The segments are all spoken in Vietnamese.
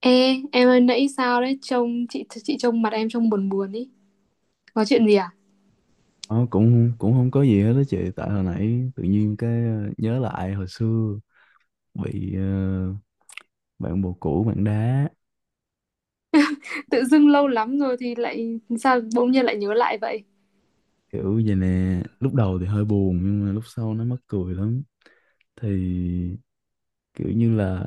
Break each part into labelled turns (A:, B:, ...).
A: Ê, em ơi, nãy sao đấy, trông chị trông mặt em trông buồn buồn ý, có chuyện gì à?
B: Ờ, cũng cũng không có gì hết đó chị. Tại hồi nãy tự nhiên cái nhớ lại hồi xưa bị bạn bồ cũ bạn đá
A: Tự dưng lâu lắm rồi thì lại sao bỗng nhiên lại nhớ lại vậy?
B: kiểu vậy nè. Lúc đầu thì hơi buồn nhưng mà lúc sau nó mắc cười lắm. Thì kiểu như là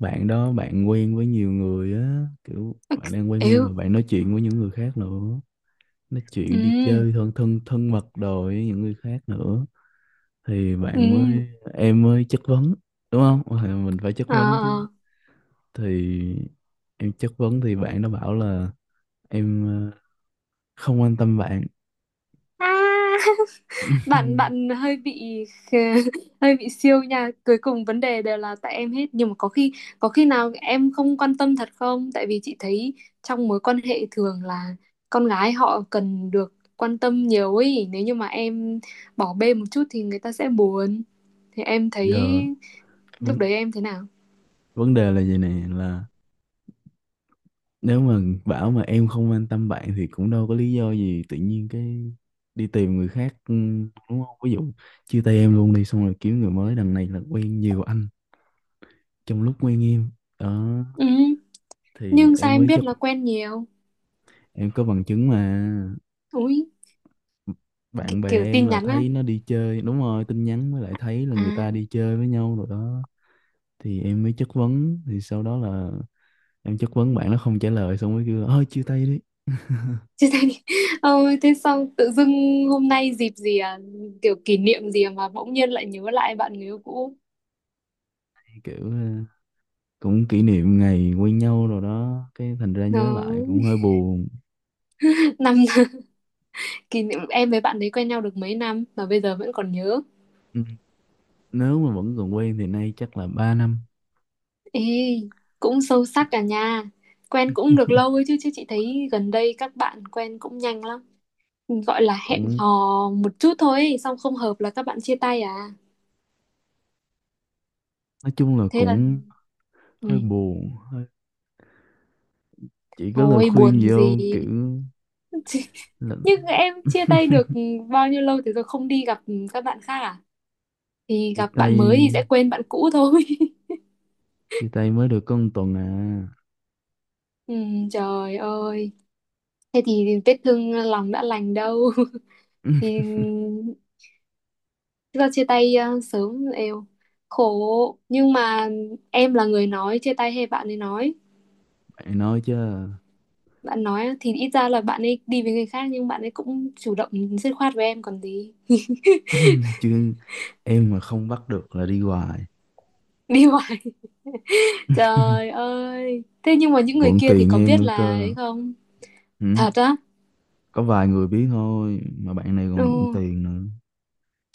B: bạn đó bạn quen với nhiều người á, kiểu bạn đang quen em
A: Êu.
B: mà bạn nói chuyện với những người khác nữa, nói chuyện đi
A: Ừ.
B: chơi thân thân thân mật đồ với những người khác nữa. Thì bạn
A: Ừ.
B: mới em mới chất vấn, đúng không? Thì mình phải chất
A: Ờ.
B: vấn chứ.
A: Ờ.
B: Thì em chất vấn thì bạn nó bảo là em không quan tâm bạn.
A: À. bạn bạn hơi bị, hơi bị siêu nha, cuối cùng vấn đề đều là tại em hết. Nhưng mà có khi, có khi nào em không quan tâm thật không, tại vì chị thấy trong mối quan hệ thường là con gái họ cần được quan tâm nhiều ấy, nếu như mà em bỏ bê một chút thì người ta sẽ buồn. Thì em thấy
B: Giờ
A: lúc
B: vấn
A: đấy em thế nào?
B: vấn đề là vậy nè, là nếu mà bảo mà em không quan tâm bạn thì cũng đâu có lý do gì tự nhiên cái đi tìm người khác, ừ, đúng không? Ví dụ chia tay em luôn đi xong rồi kiếm người mới, đằng này là quen nhiều anh trong lúc quen em đó.
A: Ừ,
B: Thì
A: nhưng sao
B: em
A: em
B: mới
A: biết
B: chất
A: là quen nhiều?
B: em có bằng chứng mà.
A: Úi. Cái
B: Bạn bè
A: kiểu
B: em
A: tin
B: là
A: nhắn á.
B: thấy nó đi chơi, đúng rồi, tin nhắn mới lại thấy là
A: À.
B: người ta đi chơi với nhau rồi đó. Thì em mới chất vấn thì sau đó là em chất vấn bạn nó không trả lời, xong mới kêu ơi chia tay đi.
A: Chia tay. Ôi, thế xong tự dưng hôm nay dịp gì à? Kiểu kỷ niệm gì mà bỗng nhiên lại nhớ lại bạn người yêu cũ.
B: Kiểu cũng kỷ niệm ngày quen nhau rồi đó, cái thành ra
A: Đó.
B: nhớ lại cũng hơi buồn.
A: Năm, kỷ niệm em với bạn ấy quen nhau được mấy năm mà bây giờ vẫn còn nhớ.
B: Ừ, nếu mà vẫn còn quen thì nay chắc là 3 năm.
A: Ê, cũng sâu sắc cả nha. Quen cũng được lâu ấy chứ, chứ chị thấy gần đây các bạn quen cũng nhanh lắm, gọi là hẹn
B: Cũng
A: hò một chút thôi ấy, xong không hợp là các bạn chia tay à.
B: nói chung là
A: Thế là,
B: cũng
A: ừ,
B: hơi buồn hơi, chỉ có lời
A: thôi
B: khuyên
A: buồn
B: gì
A: gì.
B: không kiểu là
A: Nhưng em chia tay được bao nhiêu lâu thì rồi không đi gặp các bạn khác à? Thì
B: chia
A: gặp bạn
B: tay
A: mới thì sẽ quên bạn cũ thôi.
B: chia tay mới được có 1 tuần à.
A: ừ, trời ơi, thế thì vết thương lòng đã lành đâu. thì do chia tay sớm, eo khổ. Nhưng mà em là người nói chia tay hay bạn ấy nói?
B: Bạn nói chứ.
A: Bạn nói á, thì ít ra là bạn ấy đi với người khác nhưng bạn ấy cũng chủ động dứt khoát với em còn gì.
B: Chứ em mà không bắt được là đi hoài.
A: Đi hoài, trời ơi. Thế nhưng mà
B: Còn
A: những người
B: mượn
A: kia thì
B: tiền
A: có
B: em
A: biết
B: nữa
A: là
B: cơ.
A: ấy không?
B: Ừ.
A: Thật á?
B: Có vài người biết thôi, mà bạn này
A: Ừ.
B: còn bận tiền nữa.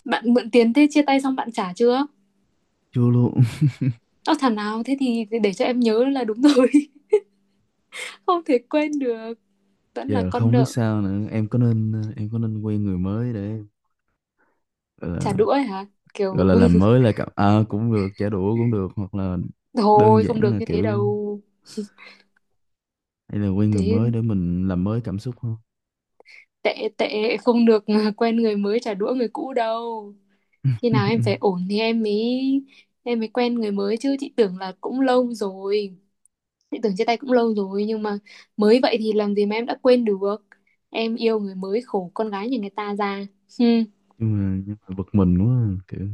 A: Bạn mượn tiền, thế chia tay xong bạn trả chưa?
B: Chưa luôn.
A: Ơ, thằng nào thế thì để cho em nhớ là đúng rồi, không thể quên được, vẫn là
B: Giờ
A: con
B: không biết
A: nợ.
B: sao nữa, em có nên em có nên quen người mới để gọi
A: Trả
B: là,
A: đũa ấy hả?
B: gọi
A: Kiểu,
B: là làm mới lại cảm à, cũng được, trả đũa cũng được, hoặc là đơn
A: thôi không
B: giản
A: được
B: là
A: như thế
B: kiểu
A: đâu.
B: hay là quen người
A: Thế
B: mới để mình làm mới cảm xúc không?
A: tệ, tệ không được, quen người mới trả đũa người cũ đâu. Khi nào em phải ổn thì em mới quen người mới chứ. Chị tưởng là cũng lâu rồi, chị tưởng chia tay cũng lâu rồi, nhưng mà mới vậy thì làm gì mà em đã quên được. Em yêu người mới khổ con gái nhà người ta ra. Hmm.
B: Nhưng mà bực mình quá à, kiểu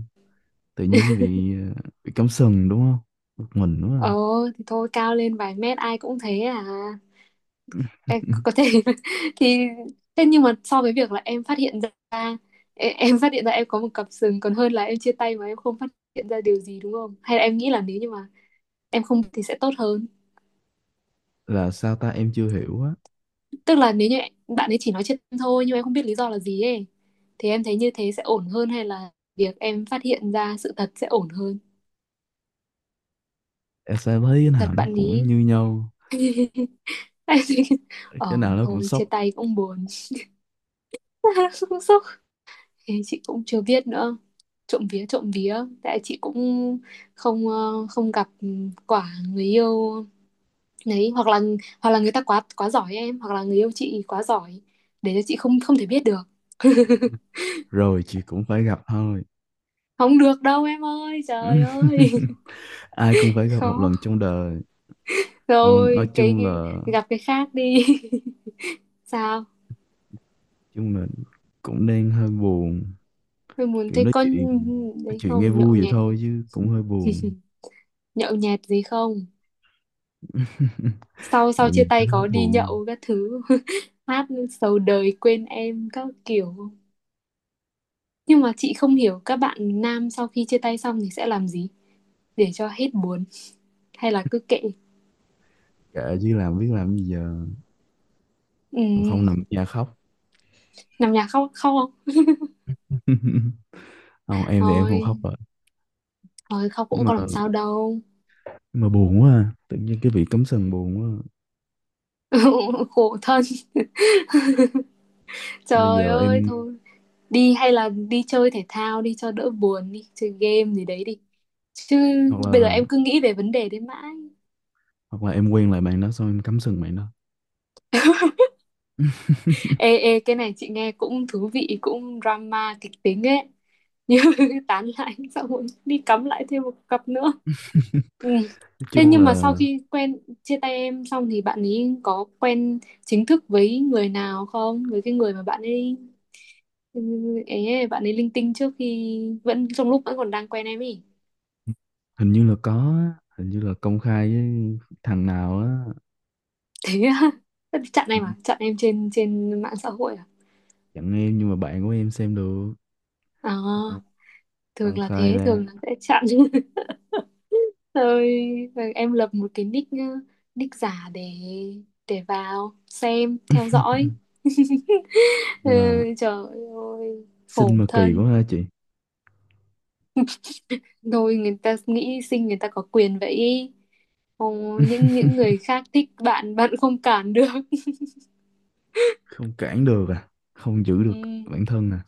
B: tự nhiên cái bị bị cắm sừng, đúng không? Bực mình quá
A: Ờ,
B: à.
A: thì thôi, cao lên vài mét ai cũng thế à. Em có thể, thì thế nhưng mà so với việc là em phát hiện ra, em phát hiện ra em có một cặp sừng còn hơn là em chia tay mà em không phát hiện ra điều gì, đúng không? Hay là em nghĩ là nếu như mà em không thì sẽ tốt hơn?
B: Là sao ta, em chưa hiểu á.
A: Tức là nếu như bạn ấy chỉ nói trên thôi nhưng em không biết lý do là gì ấy, thì em thấy như thế sẽ ổn hơn hay là việc em phát hiện ra sự thật sẽ ổn hơn?
B: Em sẽ thấy cái
A: Sự thật
B: nào nó
A: bạn
B: cũng
A: ý.
B: như nhau,
A: em thấy, ờ,
B: cái nào nó cũng
A: thôi chia
B: sốc.
A: tay cũng buồn, cũng sốc. Thế chị cũng chưa biết nữa, trộm vía, trộm vía, tại chị cũng không gặp quả người yêu đấy, hoặc là, hoặc là người ta quá, quá giỏi em, hoặc là người yêu chị quá giỏi để cho chị không không thể biết được.
B: Rồi chị cũng phải gặp thôi.
A: Không được đâu em ơi, trời ơi,
B: Ai cũng phải gặp
A: khó.
B: một lần trong đời. Ờ, nói
A: Rồi
B: chung là
A: cái gặp cái khác đi. Sao?
B: chung là cũng đang hơi buồn,
A: Tôi muốn
B: kiểu
A: thấy con
B: nói
A: đấy
B: chuyện nghe
A: không
B: vui
A: nhậu
B: vậy
A: nhẹt,
B: thôi chứ cũng hơi buồn.
A: nhậu nhẹt gì không? Sau, sau
B: Nhộn
A: chia
B: nhịp
A: tay
B: hết
A: có đi
B: buồn.
A: nhậu các thứ, hát sầu đời quên em các kiểu, không? Nhưng mà chị không hiểu các bạn nam sau khi chia tay xong thì sẽ làm gì để cho hết buồn, hay là cứ kệ?
B: Kệ chứ làm biết làm gì giờ. Còn không
A: Ừ,
B: nằm ở nhà khóc.
A: nằm nhà khóc, khóc không?
B: Không, em thì em không khóc
A: Thôi,
B: rồi.
A: thôi khóc
B: nhưng
A: cũng
B: mà
A: có làm sao đâu.
B: nhưng mà buồn quá à, tự nhiên cái bị cắm sừng buồn quá à.
A: Khổ thân.
B: Hay là
A: Trời
B: giờ
A: ơi,
B: em
A: thôi đi, hay là đi chơi thể thao đi cho đỡ buồn, đi chơi game gì đấy đi chứ
B: hoặc
A: bây giờ
B: là
A: em cứ nghĩ về vấn đề đấy mãi.
B: hoặc là em quen lại bạn đó xong em cắm sừng bạn đó.
A: ê ê, cái này chị nghe cũng thú vị, cũng drama, kịch tính ấy, như tán lại xong rồi đi cắm lại thêm một cặp nữa. Ừ.
B: Nói
A: Thế
B: chung
A: nhưng mà sau
B: là
A: khi quen chia tay em xong thì bạn ấy có quen chính thức với người nào không, với cái người mà bạn ấy, ừ, ấy, bạn ấy linh tinh trước khi, vẫn trong lúc vẫn còn đang quen em ấy?
B: hình như là có á, hình như là công khai với thằng nào á.
A: Thế á? chặn
B: Ừ,
A: em à, chặn em trên, trên mạng xã hội à?
B: chẳng em, nhưng mà bạn của em xem được. Ờ,
A: À,
B: công
A: thường là
B: khai
A: thế,
B: ra.
A: thường là sẽ chặn. rồi, rồi em lập một cái nick, nick giả để vào xem theo dõi. Ừ,
B: Nhưng mà
A: trời ơi,
B: xinh
A: khổ
B: mà kỳ
A: thân.
B: quá ha chị.
A: Thôi, người ta nghĩ sinh người ta có quyền vậy ý. Ồ, những người khác thích bạn, bạn không cản được.
B: Không cản được à, không giữ được
A: ừ,
B: bản thân à.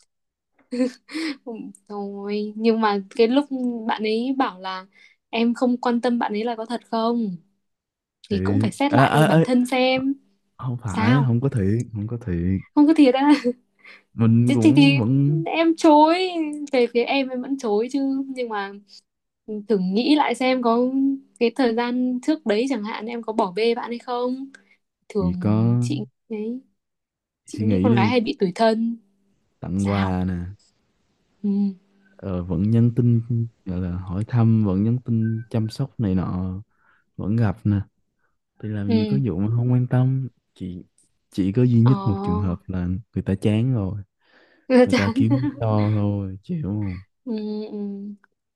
A: thôi nhưng mà cái lúc bạn ấy bảo là em không quan tâm bạn ấy là có thật không? Thì cũng
B: Thiệt
A: phải xét
B: à,
A: lại
B: à,
A: bản
B: à,
A: thân xem
B: không phải,
A: sao.
B: không có thiệt, không có thiệt.
A: Không có thiệt á?
B: Mình
A: thì,
B: cũng
A: thì,
B: vẫn
A: em chối. Về phía em vẫn chối chứ, nhưng mà thử nghĩ lại xem có, cái thời gian trước đấy chẳng hạn em có bỏ bê bạn hay không.
B: chỉ
A: Thường
B: có
A: chị đấy, chị
B: suy
A: nghĩ
B: nghĩ
A: con gái
B: đi,
A: hay bị tủi thân.
B: tặng
A: Sao?
B: quà nè,
A: Ừ.
B: ờ, vẫn nhắn tin gọi là hỏi thăm, vẫn nhắn tin chăm sóc này nọ, vẫn gặp nè. Thì làm
A: Ừ.
B: gì có vụ mà không quan tâm. Chỉ chỉ có duy
A: Ờ.
B: nhất một trường hợp là người ta chán rồi, người ta
A: chán.
B: kiếm lý do thôi, chịu không?
A: Ừ, ừ.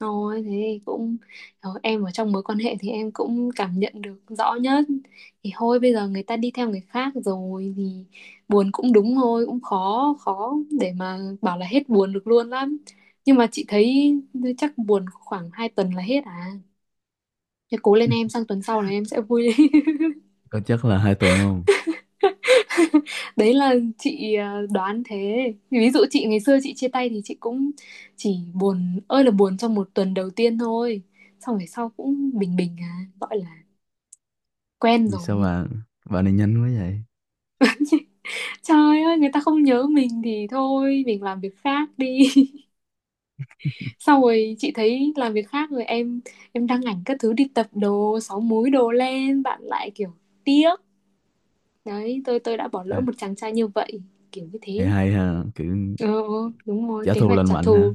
A: Thôi thế thì cũng, ờ, em ở trong mối quan hệ thì em cũng cảm nhận được rõ nhất. Thì thôi bây giờ người ta đi theo người khác rồi thì buồn cũng đúng thôi, cũng khó, khó để mà bảo là hết buồn được luôn lắm. Nhưng mà chị thấy chắc buồn khoảng 2 tuần là hết à, thế cố lên em, sang tuần sau là em sẽ vui lên.
B: Có chắc là 2 tuần không?
A: đấy là chị, đoán thế. Ví dụ chị ngày xưa chị chia tay thì chị cũng chỉ buồn ơi là buồn trong một tuần đầu tiên thôi, xong về sau cũng bình bình à, gọi là quen
B: Vì sao
A: rồi.
B: bạn bạn này nhanh quá vậy?
A: Trời ơi, người ta không nhớ mình thì thôi mình làm việc khác đi. sau rồi chị thấy làm việc khác rồi, em đăng ảnh các thứ đi tập đồ, sáu múi đồ lên, bạn lại kiểu tiếc đấy, tôi đã bỏ
B: À,
A: lỡ một chàng trai như vậy, kiểu như
B: hay,
A: thế.
B: hay ha kiểu
A: Ờ ờ, đúng rồi,
B: trả
A: kế
B: thù
A: hoạch
B: lành
A: trả
B: mạnh ha.
A: thù.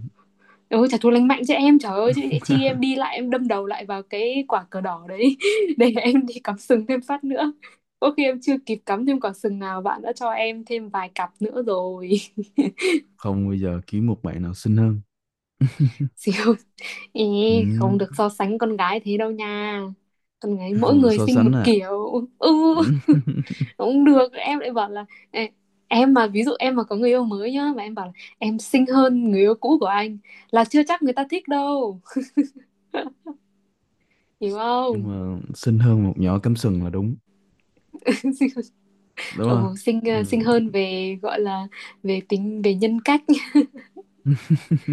A: Ừ, trả thù lành mạnh chứ em, trời ơi, chứ chi em đi lại em đâm đầu lại vào cái quả cờ đỏ đấy để em đi cắm sừng thêm phát nữa, có khi em chưa kịp cắm thêm quả sừng nào bạn đã cho em thêm vài cặp nữa rồi.
B: Không, bây giờ kiếm một bạn nào xinh hơn.
A: xíu, ý, không
B: Ừm,
A: được so sánh con gái thế đâu nha, con gái mỗi
B: không được
A: người
B: so
A: sinh một
B: sánh à.
A: kiểu. Ừ,
B: Ừm,
A: không được, em lại bảo là, "Ê, em mà ví dụ em mà có người yêu mới nhá mà em bảo là em xinh hơn người yêu cũ của anh là chưa chắc người ta thích đâu, hiểu
B: nhưng
A: không?"
B: mà xinh hơn một nhỏ cắm sừng là đúng, đúng
A: Ừ,
B: không?
A: xinh ờ,
B: Ừm.
A: xinh hơn về, gọi là, về tính, về nhân cách,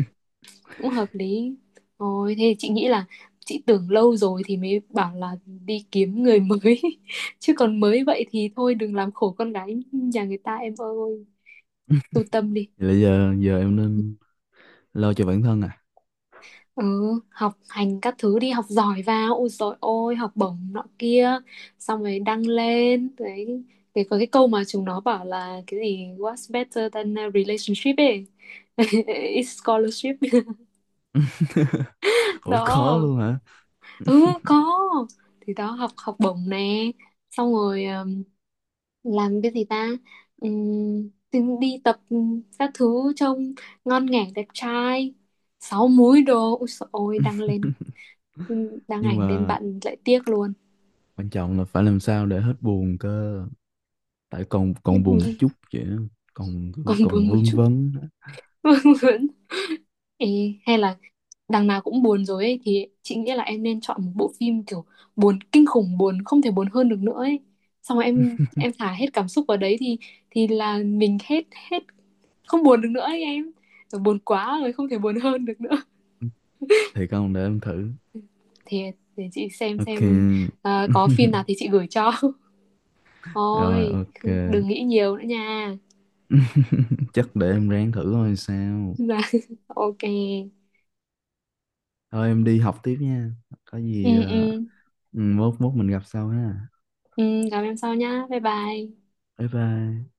A: cũng hợp lý. Ôi thế thì chị nghĩ là, chị tưởng lâu rồi thì mới bảo là đi kiếm người mới, chứ còn mới vậy thì thôi đừng làm khổ con gái nhà người ta em ơi, tu tâm đi.
B: Vậy là giờ giờ em nên lo cho bản thân à.
A: Ừ, học hành các thứ đi, học giỏi vào, ôi dồi ôi, học bổng nọ kia, xong rồi đăng lên đấy. Cái có cái câu mà chúng nó bảo là cái gì what's better than a relationship ấy, is scholarship.
B: Ủa khó
A: Đó.
B: luôn hả?
A: Ừ, có. Thì đó, học, học bổng nè, xong rồi làm cái gì ta. Thì đi tập các thứ trông ngon nghẻ, đẹp trai, sáu múi đồ, ôi dồi ôi đăng lên, đăng
B: Nhưng
A: ảnh lên
B: mà
A: bạn lại tiếc luôn.
B: quan trọng là phải làm sao để hết buồn cơ, tại còn
A: Hết
B: còn
A: buồn,
B: buồn một chút vậy á, còn cứ
A: còn
B: còn
A: buồn một
B: vương
A: chút,
B: vấn á.
A: buồn. Ê, hay là đằng nào cũng buồn rồi ấy thì chị nghĩ là em nên chọn một bộ phim kiểu buồn kinh khủng, buồn không thể buồn hơn được nữa ấy, xong rồi em thả hết cảm xúc vào đấy thì là mình hết, hết, không buồn được nữa ấy em. Rồi buồn quá rồi không thể buồn hơn được nữa
B: Thì con để em thử.
A: thì, để chị xem
B: Ok.
A: xem. Có phim nào thì chị gửi cho.
B: Rồi
A: thôi
B: ok.
A: cứ đừng nghĩ nhiều nữa nha.
B: Chắc để em ráng thử thôi sao.
A: Dạ, ok.
B: Thôi em đi học tiếp nha, có
A: Ừ,
B: gì
A: ừ.
B: ừ, mốt mốt mình gặp sau ha.
A: Ừ, gặp em sau nhá, bye bye.
B: Bye bye.